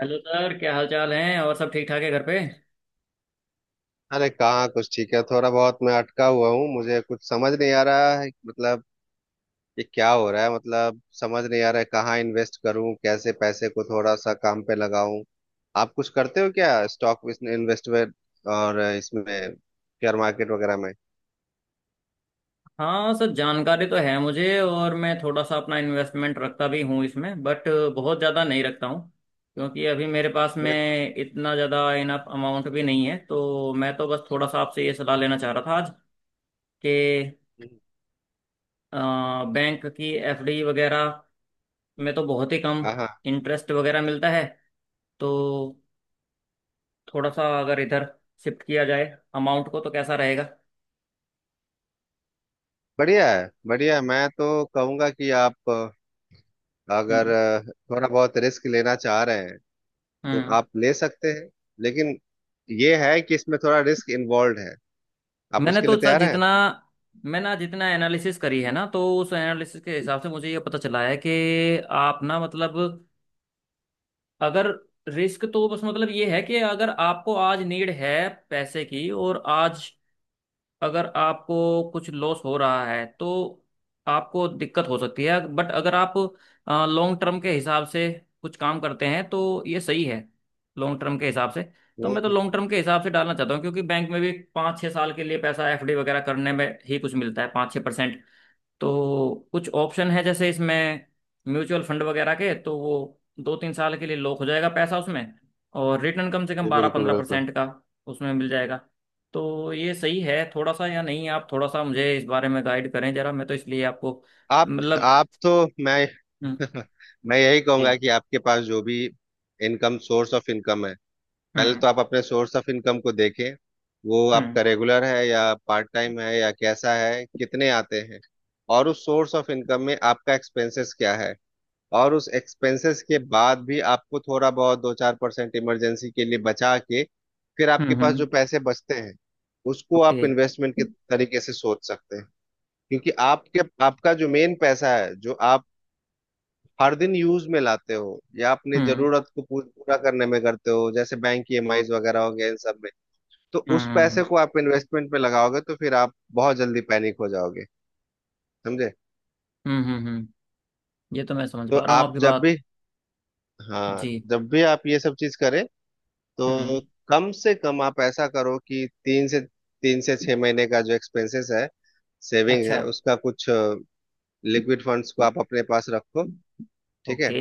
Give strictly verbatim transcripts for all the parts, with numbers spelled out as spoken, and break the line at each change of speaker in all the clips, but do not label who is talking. Hello sir. क्या हाल चाल है? और सब ठीक ठाक है घर पे?
अरे कहाँ। कुछ ठीक है, थोड़ा बहुत मैं अटका हुआ हूँ। मुझे कुछ समझ नहीं आ रहा है, मतलब ये क्या हो रहा है। मतलब समझ नहीं आ रहा है, कहाँ इन्वेस्ट करूँ, कैसे पैसे को थोड़ा सा काम पे लगाऊं। आप कुछ करते हो क्या? Stock, investment? और इसमें शेयर मार्केट वगैरह में?
हाँ सर, जानकारी तो है मुझे, और मैं थोड़ा सा अपना इन्वेस्टमेंट रखता भी हूँ इसमें, बट बहुत ज़्यादा नहीं रखता हूँ। क्योंकि अभी मेरे पास
नहीं तो।
में इतना ज़्यादा इनफ अमाउंट भी नहीं है, तो मैं तो बस थोड़ा सा आपसे ये सलाह लेना चाह रहा था आज, कि
हम्म।
बैंक की एफ डी वगैरह में तो बहुत ही कम
हाँ हाँ।
इंटरेस्ट वगैरह मिलता है। तो थोड़ा सा अगर इधर शिफ्ट किया जाए अमाउंट को तो कैसा रहेगा?
बढ़िया है, बढ़िया है। मैं तो कहूँगा कि आप अ, अगर
हम्म।
अ, थोड़ा बहुत रिस्क लेना चाह रहे हैं तो
हम्म।
आप ले सकते हैं। लेकिन ये है कि इसमें थोड़ा रिस्क इन्वॉल्व है। आप
मैंने
उसके
तो
लिए
सर
तैयार हैं?
जितना, मैंने जितना एनालिसिस करी है ना, तो उस एनालिसिस के हिसाब से मुझे ये पता चला है कि आप ना, मतलब अगर, रिस्क तो बस मतलब ये है कि अगर आपको आज नीड है पैसे की, और आज अगर आपको कुछ लॉस हो रहा है तो आपको दिक्कत हो सकती है। बट अगर आप लॉन्ग टर्म के हिसाब से कुछ काम करते हैं तो ये सही है, लॉन्ग टर्म के हिसाब से। तो
हम्म,
मैं तो
हम्म,
लॉन्ग
हम्म।
टर्म के हिसाब से डालना चाहता हूँ, क्योंकि बैंक में भी पाँच छः साल के लिए पैसा एफडी वगैरह करने में ही कुछ मिलता है, पाँच छः परसेंट। तो कुछ ऑप्शन है जैसे इसमें म्यूचुअल फंड वगैरह के, तो वो दो तीन साल के लिए लॉक हो जाएगा पैसा उसमें, और रिटर्न कम से कम
जी,
बारह
बिल्कुल
पंद्रह
बिल्कुल।
परसेंट का उसमें मिल जाएगा। तो ये सही है थोड़ा सा या नहीं? आप थोड़ा सा मुझे इस बारे में गाइड करें जरा, मैं तो इसलिए आपको,
आप
मतलब।
आप तो मैं
हम्म।
मैं यही कहूंगा
जी।
कि आपके पास जो भी इनकम, सोर्स ऑफ इनकम है, पहले
हम्म।
तो आप अपने सोर्स ऑफ इनकम को देखें। वो
हम्म।
आपका रेगुलर है या पार्ट टाइम है या कैसा है, कितने आते हैं। और उस सोर्स ऑफ इनकम में आपका एक्सपेंसेस क्या है। और उस एक्सपेंसेस के बाद भी आपको थोड़ा बहुत दो चार परसेंट इमरजेंसी के लिए बचा के, फिर
हम्म।
आपके पास
हम्म।
जो पैसे बचते हैं उसको
ओके।
आप इन्वेस्टमेंट के तरीके से सोच सकते हैं। क्योंकि आपके, आपका जो मेन पैसा है जो आप हर दिन यूज में लाते हो या अपने
हम्म।
जरूरत को पू- पूरा करने में करते हो, जैसे बैंक की ईएमआईज वगैरह हो गया, इन सब में तो
हम्म।
उस पैसे
हम्म।
को आप इन्वेस्टमेंट में लगाओगे तो फिर आप बहुत जल्दी पैनिक हो जाओगे। समझे?
हम्म। हम्म। ये तो मैं समझ
तो
पा रहा हूँ
आप
आपकी
जब
बात।
भी, हाँ
जी।
जब भी आप ये सब चीज करें
हम्म।
तो कम से कम आप ऐसा करो कि तीन से तीन से छह महीने का जो एक्सपेंसेस है, सेविंग
अच्छा।
है, उसका कुछ लिक्विड फंड्स को आप अपने पास रखो। ठीक है?
ओके।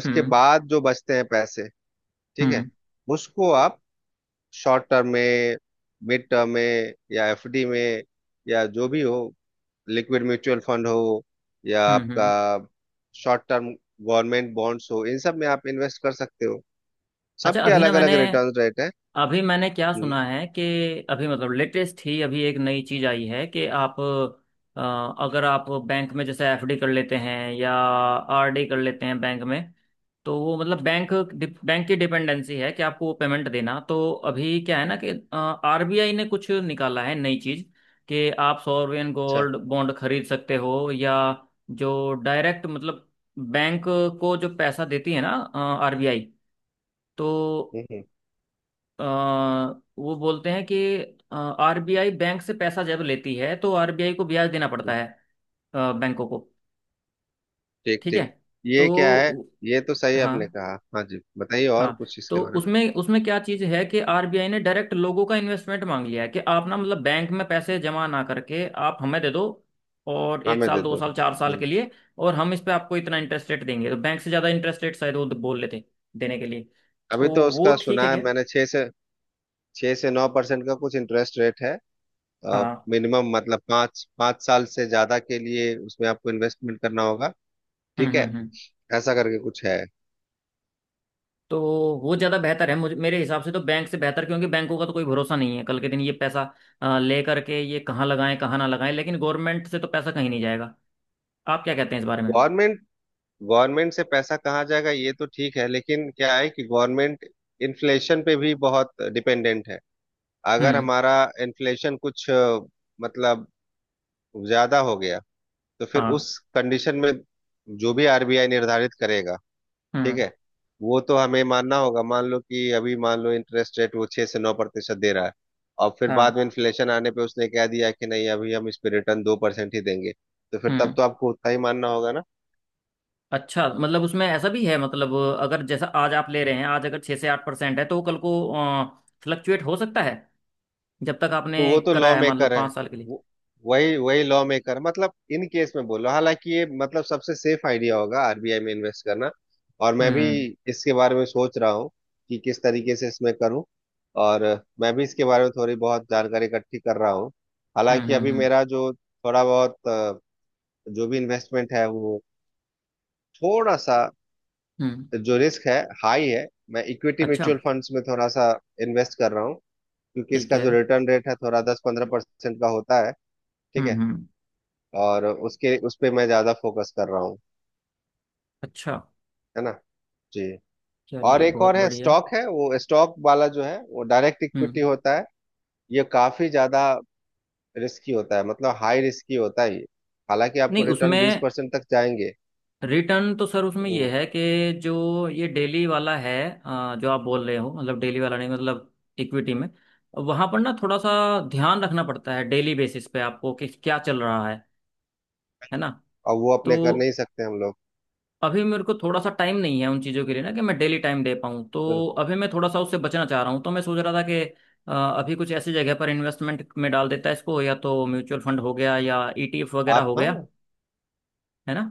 उसके
हम्म।
बाद जो बचते हैं पैसे, ठीक है,
हम्म।
उसको आप शॉर्ट टर्म में, मिड टर्म में या एफडी में या जो भी हो, लिक्विड म्यूचुअल फंड हो या
हम्म। हम्म।
आपका शॉर्ट टर्म गवर्नमेंट बॉन्ड्स हो, इन सब में आप इन्वेस्ट कर सकते हो।
अच्छा,
सबके
अभी ना
अलग
मैंने
अलग रिटर्न रेट है।
अभी मैंने क्या
हम्म।
सुना है कि अभी मतलब लेटेस्ट ही अभी एक नई चीज आई है कि आप अ, अगर आप बैंक में जैसे एफ डी कर लेते हैं या आर डी कर लेते हैं बैंक में, तो वो मतलब बैंक बैंक की डिपेंडेंसी है कि आपको वो पेमेंट देना। तो अभी क्या है ना कि आर बी आई ने कुछ निकाला है नई चीज, कि आप सॉवरेन
अच्छा।
गोल्ड बॉन्ड खरीद सकते हो, या जो डायरेक्ट मतलब बैंक को जो पैसा देती है ना, आर बी आई, तो
हम्म, हम्म,
अ, वो बोलते हैं कि आरबीआई बैंक से पैसा जब लेती है तो आर बी आई को ब्याज देना
हम्म,
पड़ता है, अ, बैंकों को।
ठीक
ठीक है?
ठीक। ये क्या है?
तो
ये तो सही आपने
हाँ,
कहा। हाँ जी, बताइए और
हाँ।
कुछ इसके
तो
बारे में।
उसमें उसमें क्या चीज़ है कि आरबीआई ने डायरेक्ट लोगों का इन्वेस्टमेंट मांग लिया है कि आप ना मतलब बैंक में पैसे जमा ना करके आप हमें दे दो, और
हाँ,
एक
मैं
साल
दे
दो
दो
साल चार साल
बिल्कुल।
के लिए, और हम इस पे आपको इतना इंटरेस्ट रेट देंगे, तो बैंक से ज़्यादा इंटरेस्ट रेट शायद वो बोल लेते देने के लिए।
अभी
तो
तो
वो
उसका
ठीक है
सुना है
क्या?
मैंने छह से छह से नौ परसेंट का कुछ इंटरेस्ट रेट है।
हाँ।
मिनिमम मतलब पाँच पाँच साल से ज्यादा के लिए उसमें आपको इन्वेस्टमेंट करना होगा।
हम्म।
ठीक
हम्म।
है,
हम्म।
ऐसा करके कुछ है।
तो वो ज़्यादा बेहतर है, मुझे मेरे हिसाब से तो बैंक से बेहतर, क्योंकि बैंकों का तो कोई भरोसा नहीं है, कल के दिन ये पैसा अ, ले करके ये कहाँ लगाएं कहाँ ना लगाएं, लेकिन गवर्नमेंट से तो पैसा कहीं नहीं जाएगा। आप क्या कहते हैं इस बारे में?
गवर्नमेंट गवर्नमेंट से पैसा कहाँ जाएगा, ये तो ठीक है, लेकिन क्या है कि गवर्नमेंट इन्फ्लेशन पे भी बहुत डिपेंडेंट है। अगर
हम्म।
हमारा इन्फ्लेशन कुछ अ, मतलब ज्यादा हो गया तो फिर
हाँ।
उस कंडीशन में जो भी आरबीआई निर्धारित करेगा, ठीक
हम्म।
है, वो तो हमें मानना होगा। मान लो कि अभी, मान लो इंटरेस्ट रेट वो छह से नौ प्रतिशत दे रहा है और फिर बाद
हाँ।
में इन्फ्लेशन आने पे उसने कह दिया कि नहीं, अभी हम इस पे रिटर्न दो परसेंट ही देंगे, तो फिर तब
हम्म।
तो आपको उतना ही मानना होगा ना।
अच्छा, मतलब उसमें ऐसा भी है, मतलब अगर जैसा आज आप ले रहे हैं, आज अगर छः से आठ परसेंट है, तो वो कल को फ्लक्चुएट हो सकता है जब तक आपने
तो वो तो
कराया
लॉ
है, मान लो
मेकर है।
पाँच साल के लिए।
वो- वही वही लॉ मेकर, मतलब इन केस में बोल रहा हूँ। हालांकि ये मतलब सबसे सेफ आइडिया होगा आरबीआई में इन्वेस्ट करना, और मैं भी
हम्म।
इसके बारे में सोच रहा हूँ कि किस तरीके से इसमें करूँ, और मैं भी इसके बारे में थोड़ी बहुत जानकारी इकट्ठी कर रहा हूँ।
हम्म।
हालांकि
हम्म।
अभी
हम्म।
मेरा जो थोड़ा बहुत अ, जो भी इन्वेस्टमेंट है वो थोड़ा सा,
हम्म।
जो रिस्क है हाई है। मैं इक्विटी
अच्छा।
म्यूचुअल फंड्स में थोड़ा सा इन्वेस्ट कर रहा हूँ, क्योंकि
ठीक
इसका
है।
जो रिटर्न रेट है थोड़ा दस पंद्रह परसेंट का होता है। ठीक
हम्म।
है।
हम्म।
और उसके, उस पे मैं ज्यादा फोकस कर रहा हूँ।
अच्छा।
है ना। जी। और
चलिए,
एक
बहुत
और है,
बढ़िया।
स्टॉक है, वो स्टॉक वाला जो है वो डायरेक्ट इक्विटी
हम्म।
होता है। ये काफी ज्यादा रिस्की होता है, मतलब हाई रिस्की होता है ये। हालांकि आपको
नहीं,
रिटर्न बीस
उसमें
परसेंट तक जाएंगे।
रिटर्न तो सर उसमें ये
हम्म,
है कि जो ये डेली वाला है, अ, जो आप बोल रहे हो, मतलब डेली वाला नहीं, मतलब इक्विटी में, वहां पर ना थोड़ा सा ध्यान रखना पड़ता है डेली बेसिस पे आपको कि क्या चल रहा है है ना?
और वो
तो
अपने कर नहीं सकते हम लोग।
अभी मेरे को थोड़ा सा टाइम नहीं है उन चीज़ों के लिए ना, कि मैं डेली टाइम दे पाऊँ। तो
बिल्कुल।
अभी मैं थोड़ा सा उससे बचना चाह रहा हूँ, तो मैं सोच रहा था कि अ, अभी कुछ ऐसी जगह पर इन्वेस्टमेंट में डाल देता है इसको, या तो म्यूचुअल फंड हो गया या ई टी एफ वगैरह
आप,
हो गया,
हाँ,
है ना?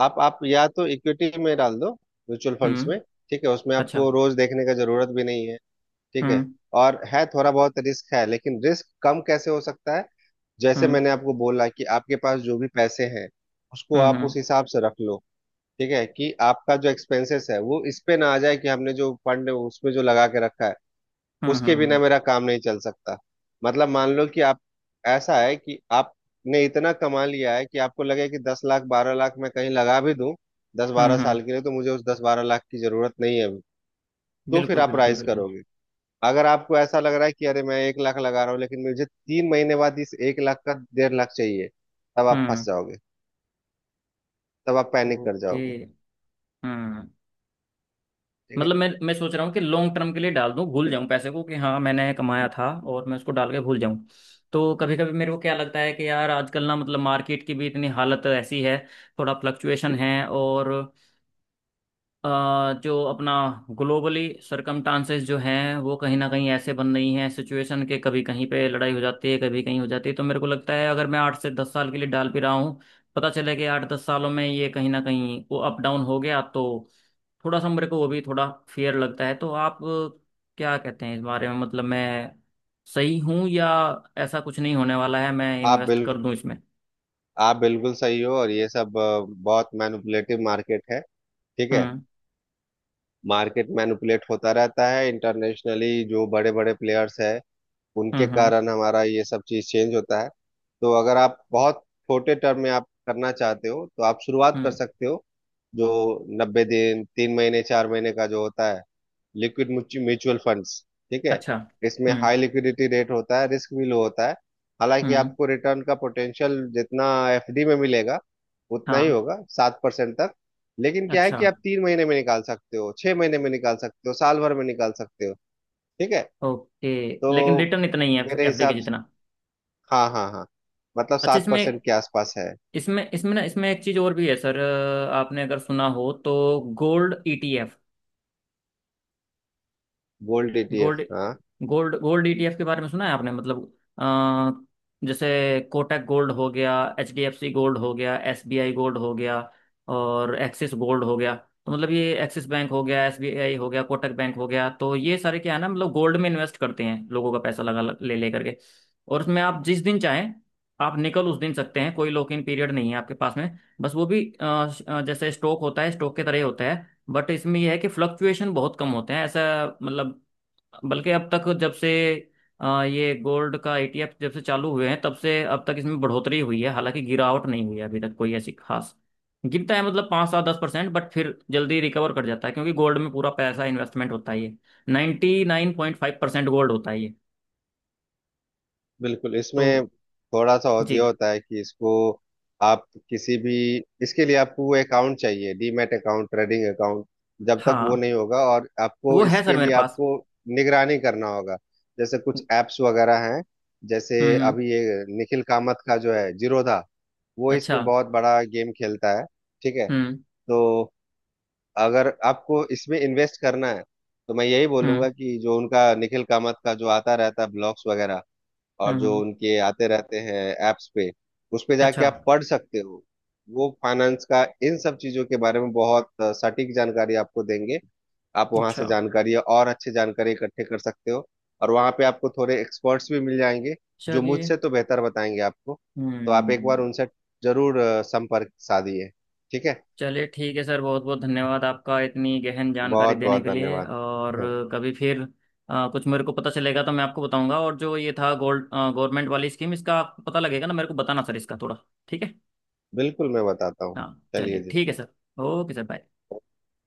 आप आप या तो इक्विटी में डाल दो, म्यूचुअल फंड्स
हम्म।
में। ठीक है, उसमें
अच्छा।
आपको रोज देखने का जरूरत भी नहीं है। ठीक है।
हम्म।
और है थोड़ा बहुत रिस्क है, लेकिन रिस्क कम कैसे हो सकता है, जैसे
हम्म।
मैंने आपको बोला कि आपके पास जो भी पैसे हैं उसको
हम्म।
आप उस
हम्म।
हिसाब से रख लो। ठीक है कि आपका जो एक्सपेंसेस है वो इस पे ना आ जाए कि हमने जो फंड उसमें जो लगा के रखा है
हम्म।
उसके
हम्म।
बिना
हम्म।
मेरा काम नहीं चल सकता। मतलब मान लो कि आप, ऐसा है कि आपने इतना कमा लिया है कि आपको लगे कि दस लाख बारह लाख मैं कहीं लगा भी दूं दस बारह
हम्म।
साल
हम्म।
के लिए, तो मुझे उस दस बारह लाख की जरूरत नहीं है अभी। तो फिर
बिल्कुल,
आप
बिल्कुल,
राइज
बिल्कुल।
करोगे। अगर आपको ऐसा लग रहा है कि अरे मैं एक लाख लगा रहा हूँ लेकिन मुझे तीन महीने बाद इस एक लाख का डेढ़ लाख चाहिए, तब आप फंस
हम्म।
जाओगे, तब आप पैनिक कर
ओके।
जाओगे।
हम्म।
ठीक है?
मतलब मैं मैं सोच रहा हूँ कि लॉन्ग टर्म के लिए डाल दूँ, भूल जाऊँ पैसे को कि हाँ मैंने कमाया था, और मैं उसको डाल के भूल जाऊँ। तो कभी कभी मेरे को क्या लगता है कि यार आजकल ना, मतलब मार्केट की भी इतनी हालत ऐसी है, थोड़ा फ्लक्चुएशन है, और अ, जो अपना ग्लोबली सरकमस्टांसेस जो हैं वो कहीं ना कहीं ऐसे बन रही हैं सिचुएशन के, कभी कहीं पे लड़ाई हो जाती है कभी कहीं हो जाती है। तो मेरे को लगता है अगर मैं आठ से दस साल के लिए डाल भी रहा हूँ, पता चले कि आठ दस सालों में ये कहीं ना कहीं वो अप डाउन हो गया तो, थोड़ा सा मेरे को वो भी थोड़ा फेयर लगता है। तो आप क्या कहते हैं इस बारे में, मतलब मैं सही हूँ, या ऐसा कुछ नहीं होने वाला है, मैं
आप
इन्वेस्ट कर
बिल्कुल
दूँ इसमें?
आप बिल्कुल सही हो, और ये सब अ, बहुत मैनिपुलेटिव मार्केट है। ठीक है।
हम्म।
मार्केट मैनिपुलेट होता रहता है, इंटरनेशनली जो बड़े बड़े प्लेयर्स है उनके
हम्म। हम्म।
कारण हमारा ये सब चीज चेंज होता है। तो अगर आप बहुत छोटे टर्म में आप करना चाहते हो तो आप शुरुआत कर
हम्म।
सकते हो जो नब्बे दिन, तीन महीने, चार महीने का जो होता है, लिक्विड म्यूचुअल फंड्स। ठीक है।
अच्छा।
इसमें
हम्म।
हाई लिक्विडिटी रेट होता है, रिस्क भी लो होता है। हालांकि
हम्म।
आपको रिटर्न का पोटेंशियल जितना एफडी में मिलेगा उतना ही
हाँ।
होगा, सात परसेंट तक। लेकिन क्या है
अच्छा।
कि आप तीन महीने में निकाल सकते हो, छह महीने में निकाल सकते हो, साल भर में निकाल सकते हो। ठीक है।
ओके। लेकिन
तो
रिटर्न इतना ही है
मेरे
एफ डी के
हिसाब,
जितना?
हाँ हाँ हाँ, मतलब
अच्छा।
सात
इसमें,
परसेंट के आसपास है।
इसमें इसमें ना, इसमें एक चीज और भी है सर, अ, आपने अगर सुना हो तो gold E T F.
Gold ETF,
gold,
हाँ,
gold gold E T F के बारे में सुना है आपने? मतलब आ, जैसे कोटक गोल्ड हो गया, H D F C gold हो गया, एस बी आई गोल्ड हो गया, और एक्सिस गोल्ड हो गया। तो मतलब ये एक्सिस बैंक हो गया, एस बी आई हो गया, कोटक बैंक हो गया, तो ये सारे क्या है ना, मतलब गोल्ड में इन्वेस्ट करते हैं लोगों का पैसा लगा, ले ले करके। और उसमें आप जिस दिन चाहें आप निकल उस दिन सकते हैं, कोई लॉक इन पीरियड नहीं है आपके पास में। बस वो भी अ, अ, जैसे स्टॉक होता है, स्टॉक के तरह ही होता है, बट इसमें यह है कि फ्लक्चुएशन बहुत कम होते हैं ऐसा, मतलब बल्कि अब तक जब से, अ, ये गोल्ड का ए टी एफ जब से चालू हुए हैं तब से अब तक इसमें बढ़ोतरी हुई है, हालांकि गिरावट नहीं हुई है अभी तक कोई ऐसी खास। गिरता है मतलब पाँच सात दस परसेंट, बट फिर जल्दी रिकवर कर जाता है, क्योंकि गोल्ड में पूरा पैसा इन्वेस्टमेंट होता ही है, ninety nine point five percent gold होता ही है।
बिल्कुल।
तो
इसमें थोड़ा सा और
जी।
ये होता है कि इसको आप किसी भी, इसके लिए आपको वो अकाउंट चाहिए, डीमैट अकाउंट, ट्रेडिंग अकाउंट। जब तक वो
हाँ,
नहीं होगा, और आपको
वो है सर
इसके
मेरे
लिए
पास।
आपको निगरानी करना होगा, जैसे कुछ
हम्म।
एप्स वगैरह हैं, जैसे
हम्म।
अभी ये निखिल कामत का जो है जीरोधा, वो
अच्छा।
इसमें बहुत बड़ा गेम खेलता है। ठीक है।
हम्म।
तो अगर आपको इसमें इन्वेस्ट करना है तो मैं यही बोलूंगा
हम्म।
कि जो उनका निखिल कामत का जो आता रहता है ब्लॉग्स वगैरह और
हम्म।
जो
हम्म।
उनके आते रहते हैं एप्स पे, उस पे
अच्छा।
जाके आप पढ़ सकते हो। वो फाइनेंस का इन सब चीजों के बारे में बहुत सटीक जानकारी आपको देंगे। आप वहां
अच्छा।
से जानकारी और अच्छे जानकारी इकट्ठे कर सकते हो। और वहां पे आपको थोड़े एक्सपर्ट्स भी मिल जाएंगे जो
चलिए।
मुझसे तो बेहतर बताएंगे आपको। तो आप एक बार
हम्म।
उनसे जरूर अ, संपर्क साधिए। ठीक है।
चलिए ठीक है सर, बहुत बहुत धन्यवाद आपका इतनी गहन जानकारी
बहुत
देने
बहुत
के लिए।
धन्यवाद।
और कभी फिर अ, कुछ मेरे को पता चलेगा तो मैं आपको बताऊंगा, और जो ये था गोल्ड गवर्नमेंट वाली स्कीम इसका आपको पता लगेगा ना मेरे को बताना सर इसका थोड़ा। ठीक है।
बिल्कुल, मैं बताता हूँ।
हाँ
चलिए
चलिए,
जी।
ठीक है सर। Okay sir, bye.